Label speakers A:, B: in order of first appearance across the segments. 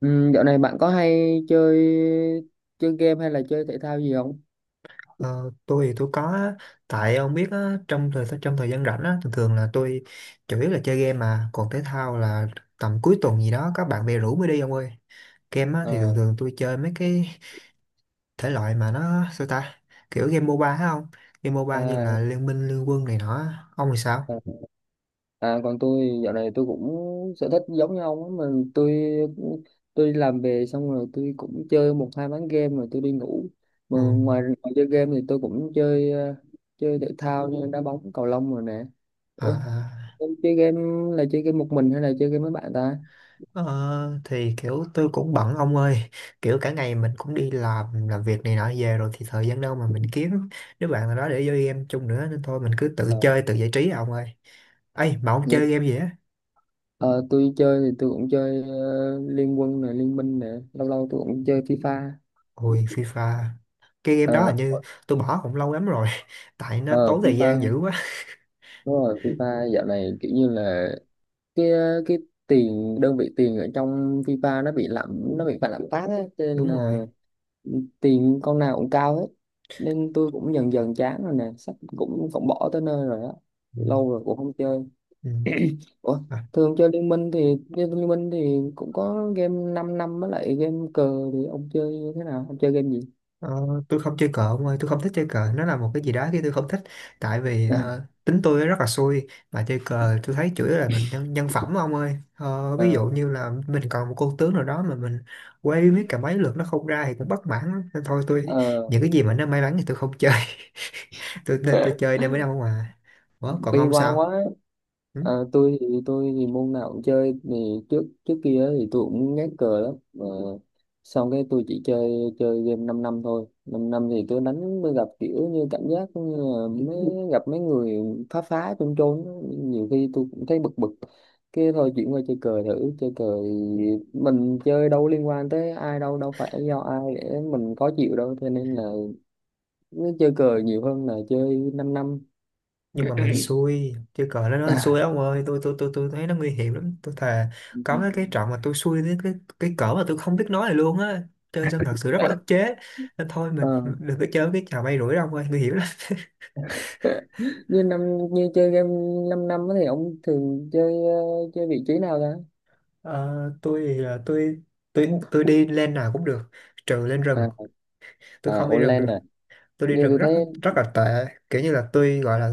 A: Ừ, dạo này bạn có hay chơi chơi game hay là chơi thể thao gì không?
B: Ờ, tôi thì tôi có á. Tại ông biết á, trong thời gian rảnh á, thường thường là tôi chủ yếu là chơi game, mà còn thể thao là tầm cuối tuần gì đó các bạn bè rủ mới đi ông ơi. Game á, thì
A: À,
B: thường thường tôi chơi mấy cái thể loại mà nó sao ta, kiểu game MOBA á không, game MOBA như
A: à,
B: là Liên Minh Liên Quân này nọ á. Ông thì sao?
A: à, à còn tôi dạo này tôi cũng sở thích giống như ông á, mà tôi đi làm về xong rồi tôi cũng chơi một hai ván game rồi tôi đi ngủ. Mà
B: Ừ.
A: ngoài chơi game thì tôi cũng chơi chơi thể thao như đá bóng, cầu lông rồi nè.
B: À,
A: Ủa,
B: à.
A: em chơi game là chơi game một mình hay là chơi game với bạn ta?
B: Ờ, thì kiểu tôi cũng bận ông ơi, kiểu cả ngày mình cũng đi làm việc này nọ về rồi thì thời gian đâu mà mình kiếm đứa bạn nào đó để chơi game chung nữa, nên thôi mình cứ tự
A: Ờ,
B: chơi tự giải trí à ông ơi. Ấy mà ông
A: dạ.
B: chơi game gì á?
A: Ờ, tôi chơi thì tôi cũng chơi Liên Quân này, Liên Minh này, lâu lâu tôi cũng chơi FIFA.
B: Ôi FIFA, cái game đó
A: Ờ,
B: hình như tôi bỏ cũng lâu lắm rồi tại nó
A: ờ,
B: tốn thời
A: FIFA
B: gian dữ quá.
A: đúng rồi, FIFA dạo này kiểu như là cái cái tiền, đơn vị tiền ở trong FIFA nó bị lạm, nó bị phải lạm phát á, cho nên
B: Đúng rồi.
A: là tiền con nào cũng cao hết, nên tôi cũng dần dần chán rồi nè, sắp cũng cũng bỏ tới nơi rồi á,
B: Ừ.
A: lâu rồi cũng không chơi.
B: Ừ.
A: Ủa,
B: Ờ.
A: thường chơi Liên Minh thì Liên Liên Minh thì cũng có game 5 năm năm với lại game cờ, thì ông chơi như thế nào, ông chơi game gì?
B: Ờ, tôi không chơi cờ ông ơi, tôi không thích chơi cờ, nó là một cái gì đó cái tôi không thích. Tại vì tính tôi rất là xui, mà chơi cờ tôi thấy chủ yếu là mình nhân phẩm ông ơi. Ờ,
A: Ờ,
B: ví dụ như là mình còn một con tướng nào đó mà mình quay biết cả mấy lượt nó không ra thì cũng bất mãn lắm. Nên thôi tôi
A: ờ,
B: những cái gì mà nó may mắn thì tôi không chơi. Tôi nên tôi chơi nên mới đâu mà. Ủa, còn
A: bi
B: ông
A: quan
B: sao?
A: quá.
B: Ừ?
A: Ờ, tôi thì môn nào cũng chơi, thì trước trước kia á thì tôi cũng ngán cờ lắm, mà xong cái tôi chỉ chơi chơi game 5 năm năm thôi, 5 năm năm thì tôi đánh, tôi gặp kiểu như cảm giác như là mới gặp mấy người phá phá chôn chôn á. Nhiều khi tôi cũng thấy bực bực, cái thôi chuyển qua chơi cờ thử, chơi cờ thì mình chơi đâu liên quan tới ai đâu, đâu phải do ai để mình khó chịu đâu, cho nên là cứ chơi cờ nhiều hơn là chơi 5 năm
B: Nhưng mà mình xui chơi cờ nó xui ông ơi, tôi thấy nó nguy hiểm lắm, tôi thề có mấy cái
A: năm.
B: trận mà tôi xui cái cái cỡ mà tôi không biết nói này luôn á, chơi xong thật sự rất là ức chế. Nên thôi mình
A: Ờ,
B: đừng có chơi cái trò bay rủi đâu ông ơi, nguy hiểm lắm.
A: như năm, như chơi game 5 năm năm á thì ông thường chơi chơi vị trí nào ta?
B: Ờ, tôi thì là tôi đi lên nào cũng được, trừ lên rừng,
A: À,
B: tôi
A: à
B: không đi rừng
A: online
B: được.
A: à,
B: Tôi đi
A: như
B: rừng
A: tôi
B: rất
A: thấy.
B: rất là tệ, kiểu như là tôi gọi là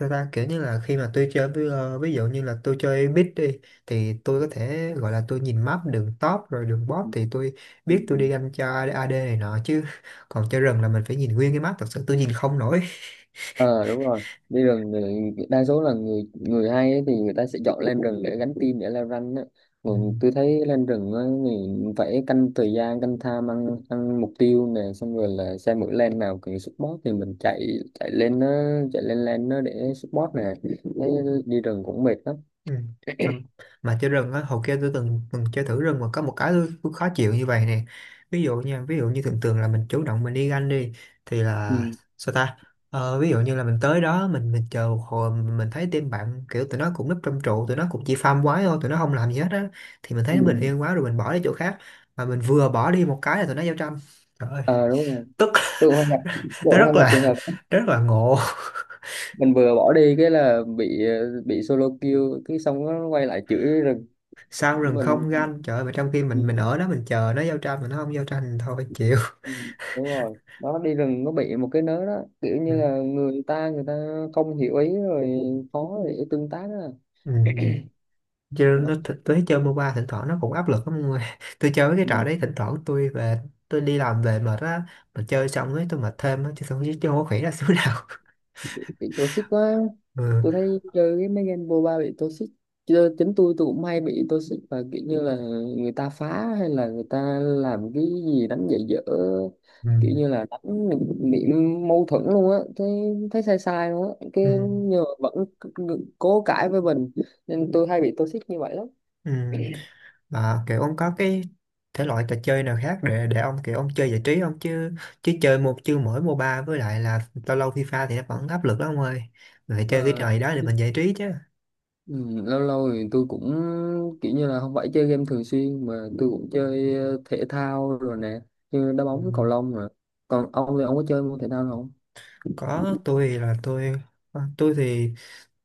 B: sao ta, kiểu như là khi mà tôi chơi với, ví dụ như là tôi chơi bit đi, thì tôi có thể gọi là tôi nhìn map đường top rồi đường bot thì tôi
A: Ừ.
B: biết tôi đi ganh cho AD này nọ chứ, còn chơi rừng là mình phải nhìn nguyên cái map, thật sự tôi nhìn không nổi.
A: Ờ đúng rồi, đi rừng thì đa số là người người hay ấy thì người ta sẽ chọn lên rừng để gánh team để leo rank á,
B: Ừ.
A: còn tôi thấy lên rừng á thì phải canh thời gian, canh time ăn ăn mục tiêu nè, xong rồi là xem mỗi lane nào cần support thì mình chạy chạy lên nó, chạy lên lane nó để support nè, thấy đi rừng cũng mệt lắm.
B: Ừ. Mà, mà chơi rừng á hồi kia tôi từng từng chơi thử rừng mà có một cái tôi khó chịu như vậy nè. Ví dụ nha, ví dụ như thường thường là mình chủ động mình đi ganh đi, thì là
A: Ừ.
B: sao ta, ờ, ví dụ như là mình tới đó mình chờ một hồi mình thấy team bạn kiểu tụi nó cũng núp trong trụ, tụi nó cũng chỉ farm quái thôi, tụi nó không làm gì hết á, thì mình thấy
A: Ừ.
B: nó bình yên quá rồi mình bỏ đi chỗ khác, mà mình vừa bỏ đi một cái là tụi nó giao tranh. Trời ơi,
A: Ờ đúng rồi,
B: tức.
A: tôi cũng hay gặp, tôi
B: Nó
A: cũng hay
B: rất
A: gặp trường
B: là,
A: hợp đó.
B: rất là ngộ.
A: Mình vừa bỏ đi cái là bị bị solo kill, cái xong nó quay lại chửi rừng
B: Sao rừng
A: mình.
B: không ganh trời ơi, mà trong khi mình
A: Ừ,
B: ở đó mình chờ nó giao tranh mà nó không giao tranh, thôi chịu.
A: ừ, đúng rồi đó, đi rừng nó bị một cái nớ đó, kiểu
B: Ừ.
A: như là người ta không hiểu ý rồi, khó để tương tác đó.
B: Ừ. Ừ. Chứ
A: Ờ,
B: nó thực tế chơi MOBA thỉnh thoảng nó cũng áp lực lắm mọi người. Tôi chơi cái trò
A: ừ.
B: đấy thỉnh thoảng tôi về, tôi đi làm về mệt á, mà chơi xong ấy tôi mệt thêm á, chứ không có khỉ ra xíu nào.
A: Bị toxic quá.
B: Ừ.
A: Tôi thấy chơi cái mấy game MOBA bị toxic, chơi chính tôi cũng hay bị toxic, và kiểu như là người ta phá, hay là người ta làm cái gì đánh dạy dở,
B: Ừ.
A: kiểu như là đánh bị mâu thuẫn luôn á, thấy thấy sai sai luôn á, cái
B: Ừ.
A: nhưng mà vẫn cố cãi với mình, nên tôi hay bị toxic như vậy lắm.
B: Ừ. Mà kiểu ông có cái thể loại trò chơi nào khác để ông kiểu ông chơi giải trí không chứ, chứ chơi một chứ mỗi MOBA với lại là lâu lâu FIFA thì nó vẫn áp lực lắm ông ơi. Mình phải chơi cái
A: Mà
B: trò gì đó để mình giải trí chứ.
A: Ừ, lâu lâu thì tôi cũng kiểu như là không phải chơi game thường xuyên, mà tôi cũng chơi thể thao rồi nè, như đá bóng, cầu
B: Ừ.
A: lông rồi, còn ông thì ông có chơi môn thể thao nào không?
B: Có, tôi ờ, tôi thì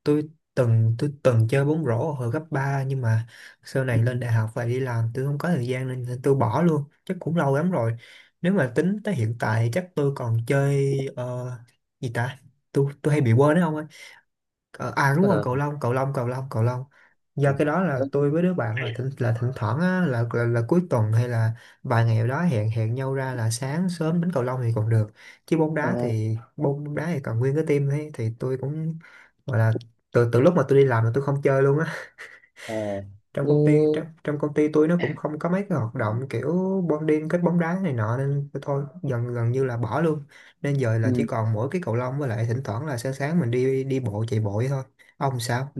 B: tôi từng chơi bóng rổ hồi cấp ba, nhưng mà sau này lên đại học và đi làm tôi không có thời gian nên, nên tôi bỏ luôn chắc cũng lâu lắm rồi. Nếu mà tính tới hiện tại chắc tôi còn chơi gì ta, tôi hay bị quên đấy không ơi. Ờ, à đúng rồi,
A: Ờ,
B: cầu lông cầu lông cầu lông cầu lông, do
A: Ờ,
B: cái đó là tôi với đứa bạn là thỉnh thoảng á, là cuối tuần hay là vài ngày đó hẹn hẹn nhau ra là sáng sớm đánh cầu lông thì còn được. Chứ
A: à,
B: bóng đá thì còn nguyên cái team ấy thì tôi cũng gọi là, từ từ lúc mà tôi đi làm là tôi không chơi luôn á.
A: à.
B: Trong công ty
A: Như,
B: trong công ty tôi nó cũng không có mấy cái hoạt động kiểu bonding kết bóng đá này nọ nên tôi thôi gần gần như là bỏ luôn. Nên giờ là chỉ
A: ừ,
B: còn mỗi cái cầu lông, với lại thỉnh thoảng là sáng sáng mình đi đi bộ chạy bộ vậy thôi. Ông sao?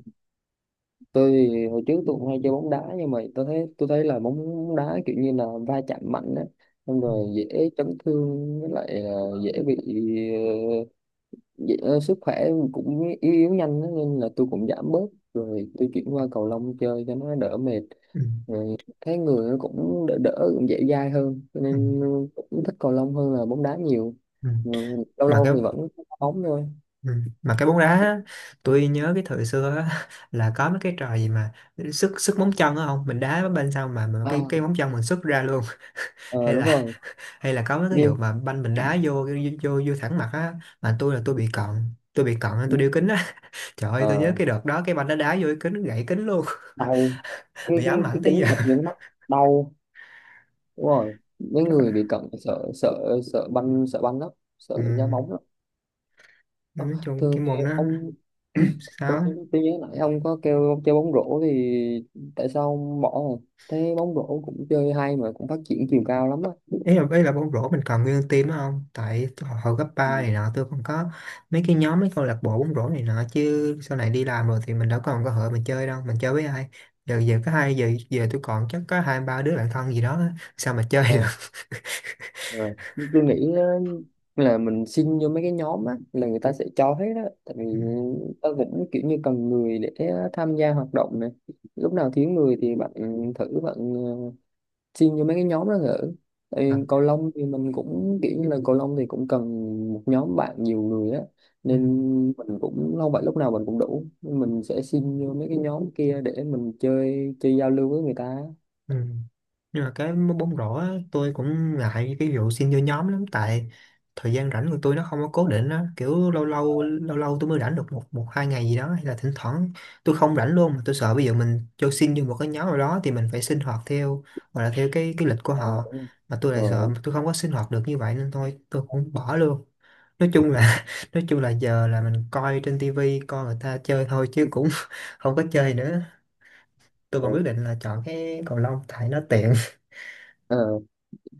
A: tôi thì hồi trước tôi cũng hay chơi bóng đá, nhưng mà tôi thấy, tôi thấy là bóng đá kiểu như là va chạm mạnh á, xong
B: Ừ.
A: rồi dễ chấn thương, với lại là dễ bị ờ, dạ, sức khỏe cũng yếu yếu nhanh á, nên là tôi cũng giảm bớt, rồi tôi chuyển qua cầu lông chơi cho nó đỡ mệt,
B: Ừ.
A: rồi thấy người nó cũng đỡ đỡ, cũng dễ dai hơn, cho
B: Ừ.
A: nên cũng thích cầu lông hơn là bóng đá nhiều.
B: Ừ.
A: Ừ, lâu
B: Mà cái,
A: lâu thì vẫn đá bóng thôi.
B: ừ, mà cái bóng đá á, tôi nhớ cái thời xưa á, là có mấy cái trò gì mà sức sức móng chân á không, mình đá bên sau mà
A: À,
B: cái móng chân mình sức ra luôn.
A: ờ,
B: Hay
A: đúng
B: là,
A: rồi,
B: hay là có mấy cái vụ
A: nhưng
B: mà banh mình đá vô thẳng mặt á. Mà tôi bị cận, tôi bị cận nên tôi đeo kính á. Trời ơi tôi nhớ
A: ờ,
B: cái đợt đó cái banh nó đá vô cái kính, nó gãy kính luôn.
A: đau, cái
B: Bị
A: cái
B: ám
A: cái
B: ảnh tới giờ.
A: kính đập vô cái mắt đau. Đúng rồi, mấy
B: Rất
A: người bị
B: là-
A: cận sợ, sợ banh, sợ banh lắm, sợ ra
B: ừ.
A: bóng lắm. Ờ,
B: Nói chung
A: thường
B: cái
A: thì
B: môn nó,
A: ông
B: ừ,
A: Ủa,
B: sao á?
A: tôi nhớ lại ông có kêu ông chơi bóng rổ, thì tại sao ông bỏ rồi? Thấy bóng rổ cũng chơi hay mà cũng phát triển chiều cao lắm á.
B: Ý là, ý là bóng rổ mình còn nguyên team đó không, tại tôi- hồi cấp ba
A: Ừ.
B: này nọ tôi còn có mấy cái nhóm, mấy câu lạc bộ bóng rổ này nọ, chứ sau này đi làm rồi thì mình đâu còn cơ hội mình chơi đâu, mình chơi với ai. Giờ giờ có hai giờ về tôi còn chắc có hai ba đứa bạn thân gì đó á, sao mà chơi được.
A: Ờ, ờ. Nhưng tôi nghĩ á, là mình xin vô mấy cái nhóm á là người ta sẽ cho hết á. Tại vì ta cũng kiểu như cần người để tham gia hoạt động này. Lúc nào thiếu người thì bạn thử, bạn xin cho mấy cái nhóm đó thử, tại
B: Ừ.
A: vì cầu lông thì mình cũng kiểu như là cầu lông thì cũng cần một nhóm bạn nhiều người á,
B: Ừ.
A: nên mình cũng không phải lúc nào mình cũng đủ, nên mình sẽ xin vô mấy cái nhóm kia để mình chơi, chơi giao lưu với người ta.
B: Ừ. Nhưng mà cái bóng rổ á, tôi cũng ngại cái vụ xin vô nhóm lắm, tại thời gian rảnh của tôi nó không có cố định á, kiểu lâu lâu lâu lâu tôi mới rảnh được một một hai ngày gì đó, hay là thỉnh thoảng tôi không rảnh luôn, mà tôi sợ bây giờ mình cho xin vô một cái nhóm nào đó thì mình phải sinh hoạt theo, hoặc là theo cái lịch của
A: Ờ
B: họ.
A: đúng
B: Mà tôi lại sợ
A: rồi.
B: tôi không có sinh hoạt được như vậy, nên thôi tôi cũng bỏ luôn. Nói chung là nói chung là giờ là mình coi trên tivi coi người ta chơi thôi, chứ cũng không có chơi nữa. Tôi
A: Ờ,
B: còn quyết
A: đúng.
B: định là chọn cái cầu lông tại nó tiện.
A: Ờ. Ờ.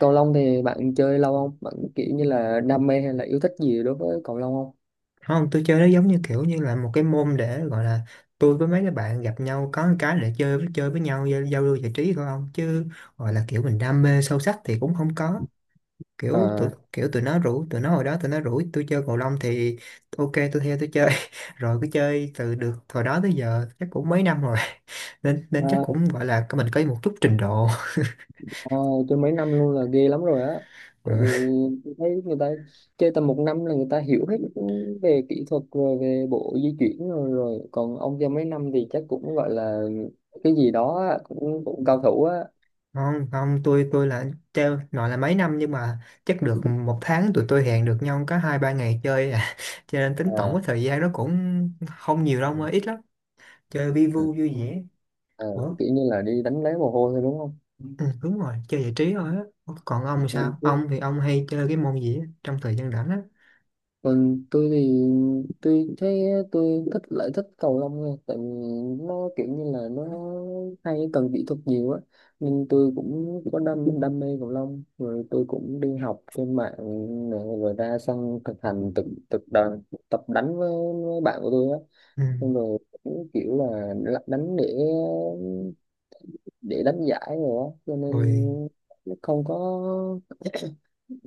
A: Cầu lông thì bạn chơi lâu không? Bạn kiểu như là đam mê hay là yêu thích gì đối với cầu lông không?
B: Không, tôi chơi nó giống như kiểu như là một cái môn để gọi là tôi với mấy cái bạn gặp nhau có một cái để chơi chơi với nhau giao giao lưu giải trí thôi, không chứ gọi là kiểu mình đam mê sâu sắc thì cũng không có. Kiểu tụi nó rủ, tụi nó hồi đó tụi nó rủ tôi chơi cầu lông thì ok tôi theo tôi chơi, rồi cứ chơi từ được hồi đó tới giờ chắc cũng mấy năm rồi, nên nên chắc
A: À.
B: cũng gọi là mình có một chút trình độ.
A: Ờ, tôi mấy năm luôn là ghê lắm rồi á, tại vì tôi thấy người ta chơi tầm một năm là người ta hiểu hết về kỹ thuật rồi, về bộ di chuyển rồi, rồi còn ông chơi mấy năm thì chắc cũng gọi là cái gì đó á, cũng cũng cao thủ á.
B: không không tôi treo nói là mấy năm, nhưng mà chắc được một tháng tụi tôi hẹn được nhau có hai ba ngày chơi à. Cho nên tính tổng
A: À,
B: cái thời gian nó cũng không nhiều đâu,
A: ừ.
B: mà ít lắm. Chơi vi
A: Ừ,
B: vu vui vẻ.
A: Ờ,
B: Ủa,
A: kiểu như là đi đánh lấy mồ hôi thôi đúng không?
B: ừ, đúng rồi, chơi giải trí thôi á. Còn ông thì sao,
A: Ừ,
B: ông hay chơi cái môn gì á, trong thời gian rảnh á?
A: còn tôi thì tôi thấy tôi thích, lại thích cầu lông hơn, tại vì nó kiểu như là nó hay cần kỹ thuật nhiều á, nên tôi cũng có đam đam mê cầu lông, rồi tôi cũng đi học trên mạng nè, rồi ra sân thực hành, thực thực đoàn tập đánh với bạn của tôi á,
B: Ừ.
A: nên rồi cũng kiểu là đánh để đánh giải rồi á, cho nên
B: Rồi.
A: nó không có,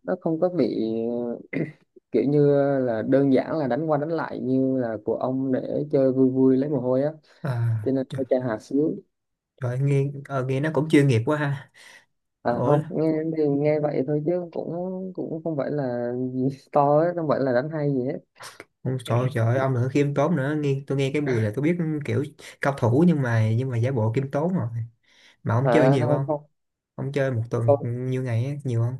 A: nó không có bị kiểu như là đơn giản là đánh qua đánh lại như là của ông, để chơi vui vui lấy mồ hôi á,
B: À
A: cho nên
B: trời,
A: tôi chơi hạt xíu.
B: trời ơi, nghe nghe nó cũng chuyên nghiệp quá ha.
A: À
B: Ủa,
A: không nghe thì nghe vậy thôi, chứ cũng cũng không phải là gì to ấy, không phải là đánh hay gì hết.
B: ông trời trời ơi, ông nữa khiêm tốn nữa, nghe tôi nghe cái mùi là tôi biết, kiểu cao thủ, nhưng mà giả bộ khiêm tốn rồi. Mà ông chơi
A: À
B: nhiều
A: không
B: không?
A: không
B: Ông chơi một
A: tôi,
B: tuần nhiêu ngày á, nhiều không?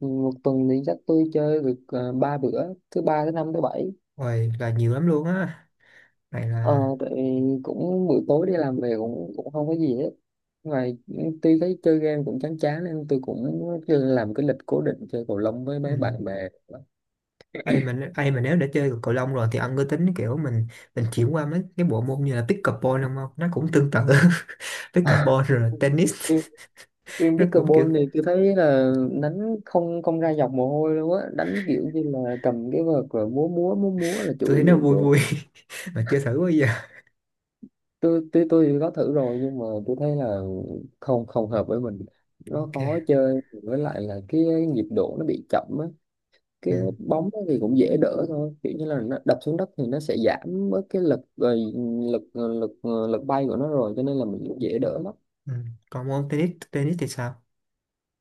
A: một tuần thì chắc tôi chơi được ba bữa, thứ ba, thứ năm, thứ bảy.
B: Ôi là nhiều lắm luôn á. Này
A: Ờ
B: là,
A: tại vì cũng buổi tối đi làm về cũng cũng không có gì hết ngoài, tuy thấy chơi game cũng chán chán, nên tôi cũng làm cái lịch cố định chơi cầu lông với
B: ừ.
A: mấy bạn bè.
B: Ê, mình ê, mà nếu đã chơi cầu lông rồi thì ông có tính kiểu mình chuyển qua mấy cái bộ môn như là pickleball không không? Nó cũng tương tự pickleball rồi tennis.
A: Riêng
B: Nó cũng kiểu
A: pickleball thì tôi thấy là đánh không, không ra dọc mồ hôi luôn á, đánh kiểu như là cầm cái vợt rồi múa múa múa múa là chủ
B: tôi thấy
A: yếu
B: nó vui vui
A: chứ.
B: mà chưa thử bao giờ.
A: Tôi có thử rồi, nhưng mà tôi thấy là không, không hợp với mình, nó khó
B: Ok.
A: chơi, với lại là cái nhịp độ nó bị chậm á, cái
B: Ừ.
A: bóng á thì cũng dễ đỡ thôi, kiểu như là nó đập xuống đất thì nó sẽ giảm bớt cái lực rồi, lực lực lực bay của nó rồi, cho nên là mình cũng dễ đỡ lắm.
B: Ừ. Còn môn tennis, tennis thì sao?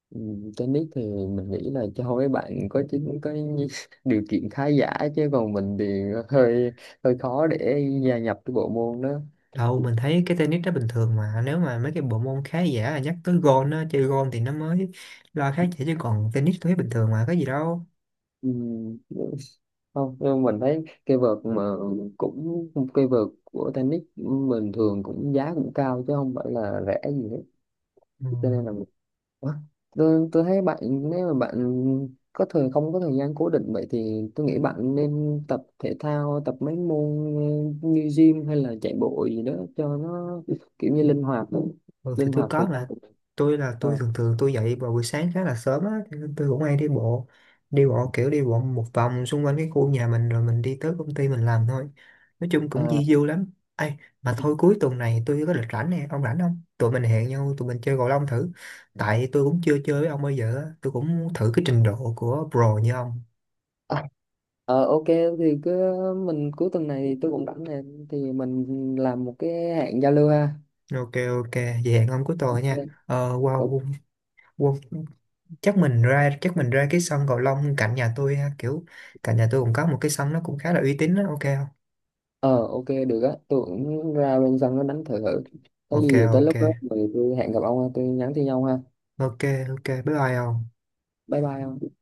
A: Ừ, tennis thì mình nghĩ là cho mấy bạn có chính có điều kiện khá giả, chứ còn mình thì hơi, hơi khó để gia nhập cái bộ môn đó.
B: Đâu mình thấy cái tennis nó bình thường mà, nếu mà mấy cái bộ môn khá giả là nhắc tới gôn á, chơi gôn thì nó mới lo khác chỉ, chứ còn tennis tôi thấy bình thường mà có gì đâu.
A: Ừ, không nhưng mình thấy cây vợt mà, cũng cây vợt của tennis mình thường cũng giá cũng cao, chứ không phải là rẻ gì hết,
B: Ừ.
A: cho nên là Ủa, tôi thấy bạn, nếu mà bạn có thời không có thời gian cố định vậy, thì tôi nghĩ bạn nên tập thể thao, tập mấy môn như gym hay là chạy bộ gì đó cho nó kiểu như linh hoạt đó.
B: Ừ, thì
A: Linh
B: tôi
A: hoạt thời
B: có
A: gian
B: mà,
A: của mình.
B: tôi
A: Ờ,
B: thường thường tôi dậy vào buổi sáng khá là sớm á, cho nên tôi cũng hay đi bộ, đi bộ kiểu đi bộ một vòng xung quanh cái khu nhà mình rồi mình đi tới công ty mình làm thôi, nói chung cũng
A: ờ,
B: di du lắm. Ai mà thôi cuối tuần này tôi có lịch rảnh nè, ông rảnh không tụi mình hẹn nhau tụi mình chơi cầu lông thử, tại tôi cũng chưa chơi với ông bao giờ á, tôi cũng muốn thử cái trình độ của pro như ông.
A: à, ờ, ok thì cứ mình cuối tuần này thì tôi cũng rảnh nè, thì mình làm một cái hẹn giao lưu ha.
B: Ok ok, vậy hẹn ông cuối tuần nha.
A: Ok.
B: Ờ wow,
A: Ok.
B: wow, wow. Chắc mình ra cái sân cầu lông cạnh nhà tôi ha, kiểu cạnh nhà tôi cũng có một cái sân nó cũng khá là uy tín đó, ok không?
A: Ờ ok được á, tôi cũng ra bên sân nó đánh thử thử, có
B: Ok
A: gì tới
B: ok.
A: lúc đó thì tôi hẹn gặp ông ha, tôi nhắn tin nhau ha.
B: Ok. Ok, bye bye không.
A: Bye bye ông.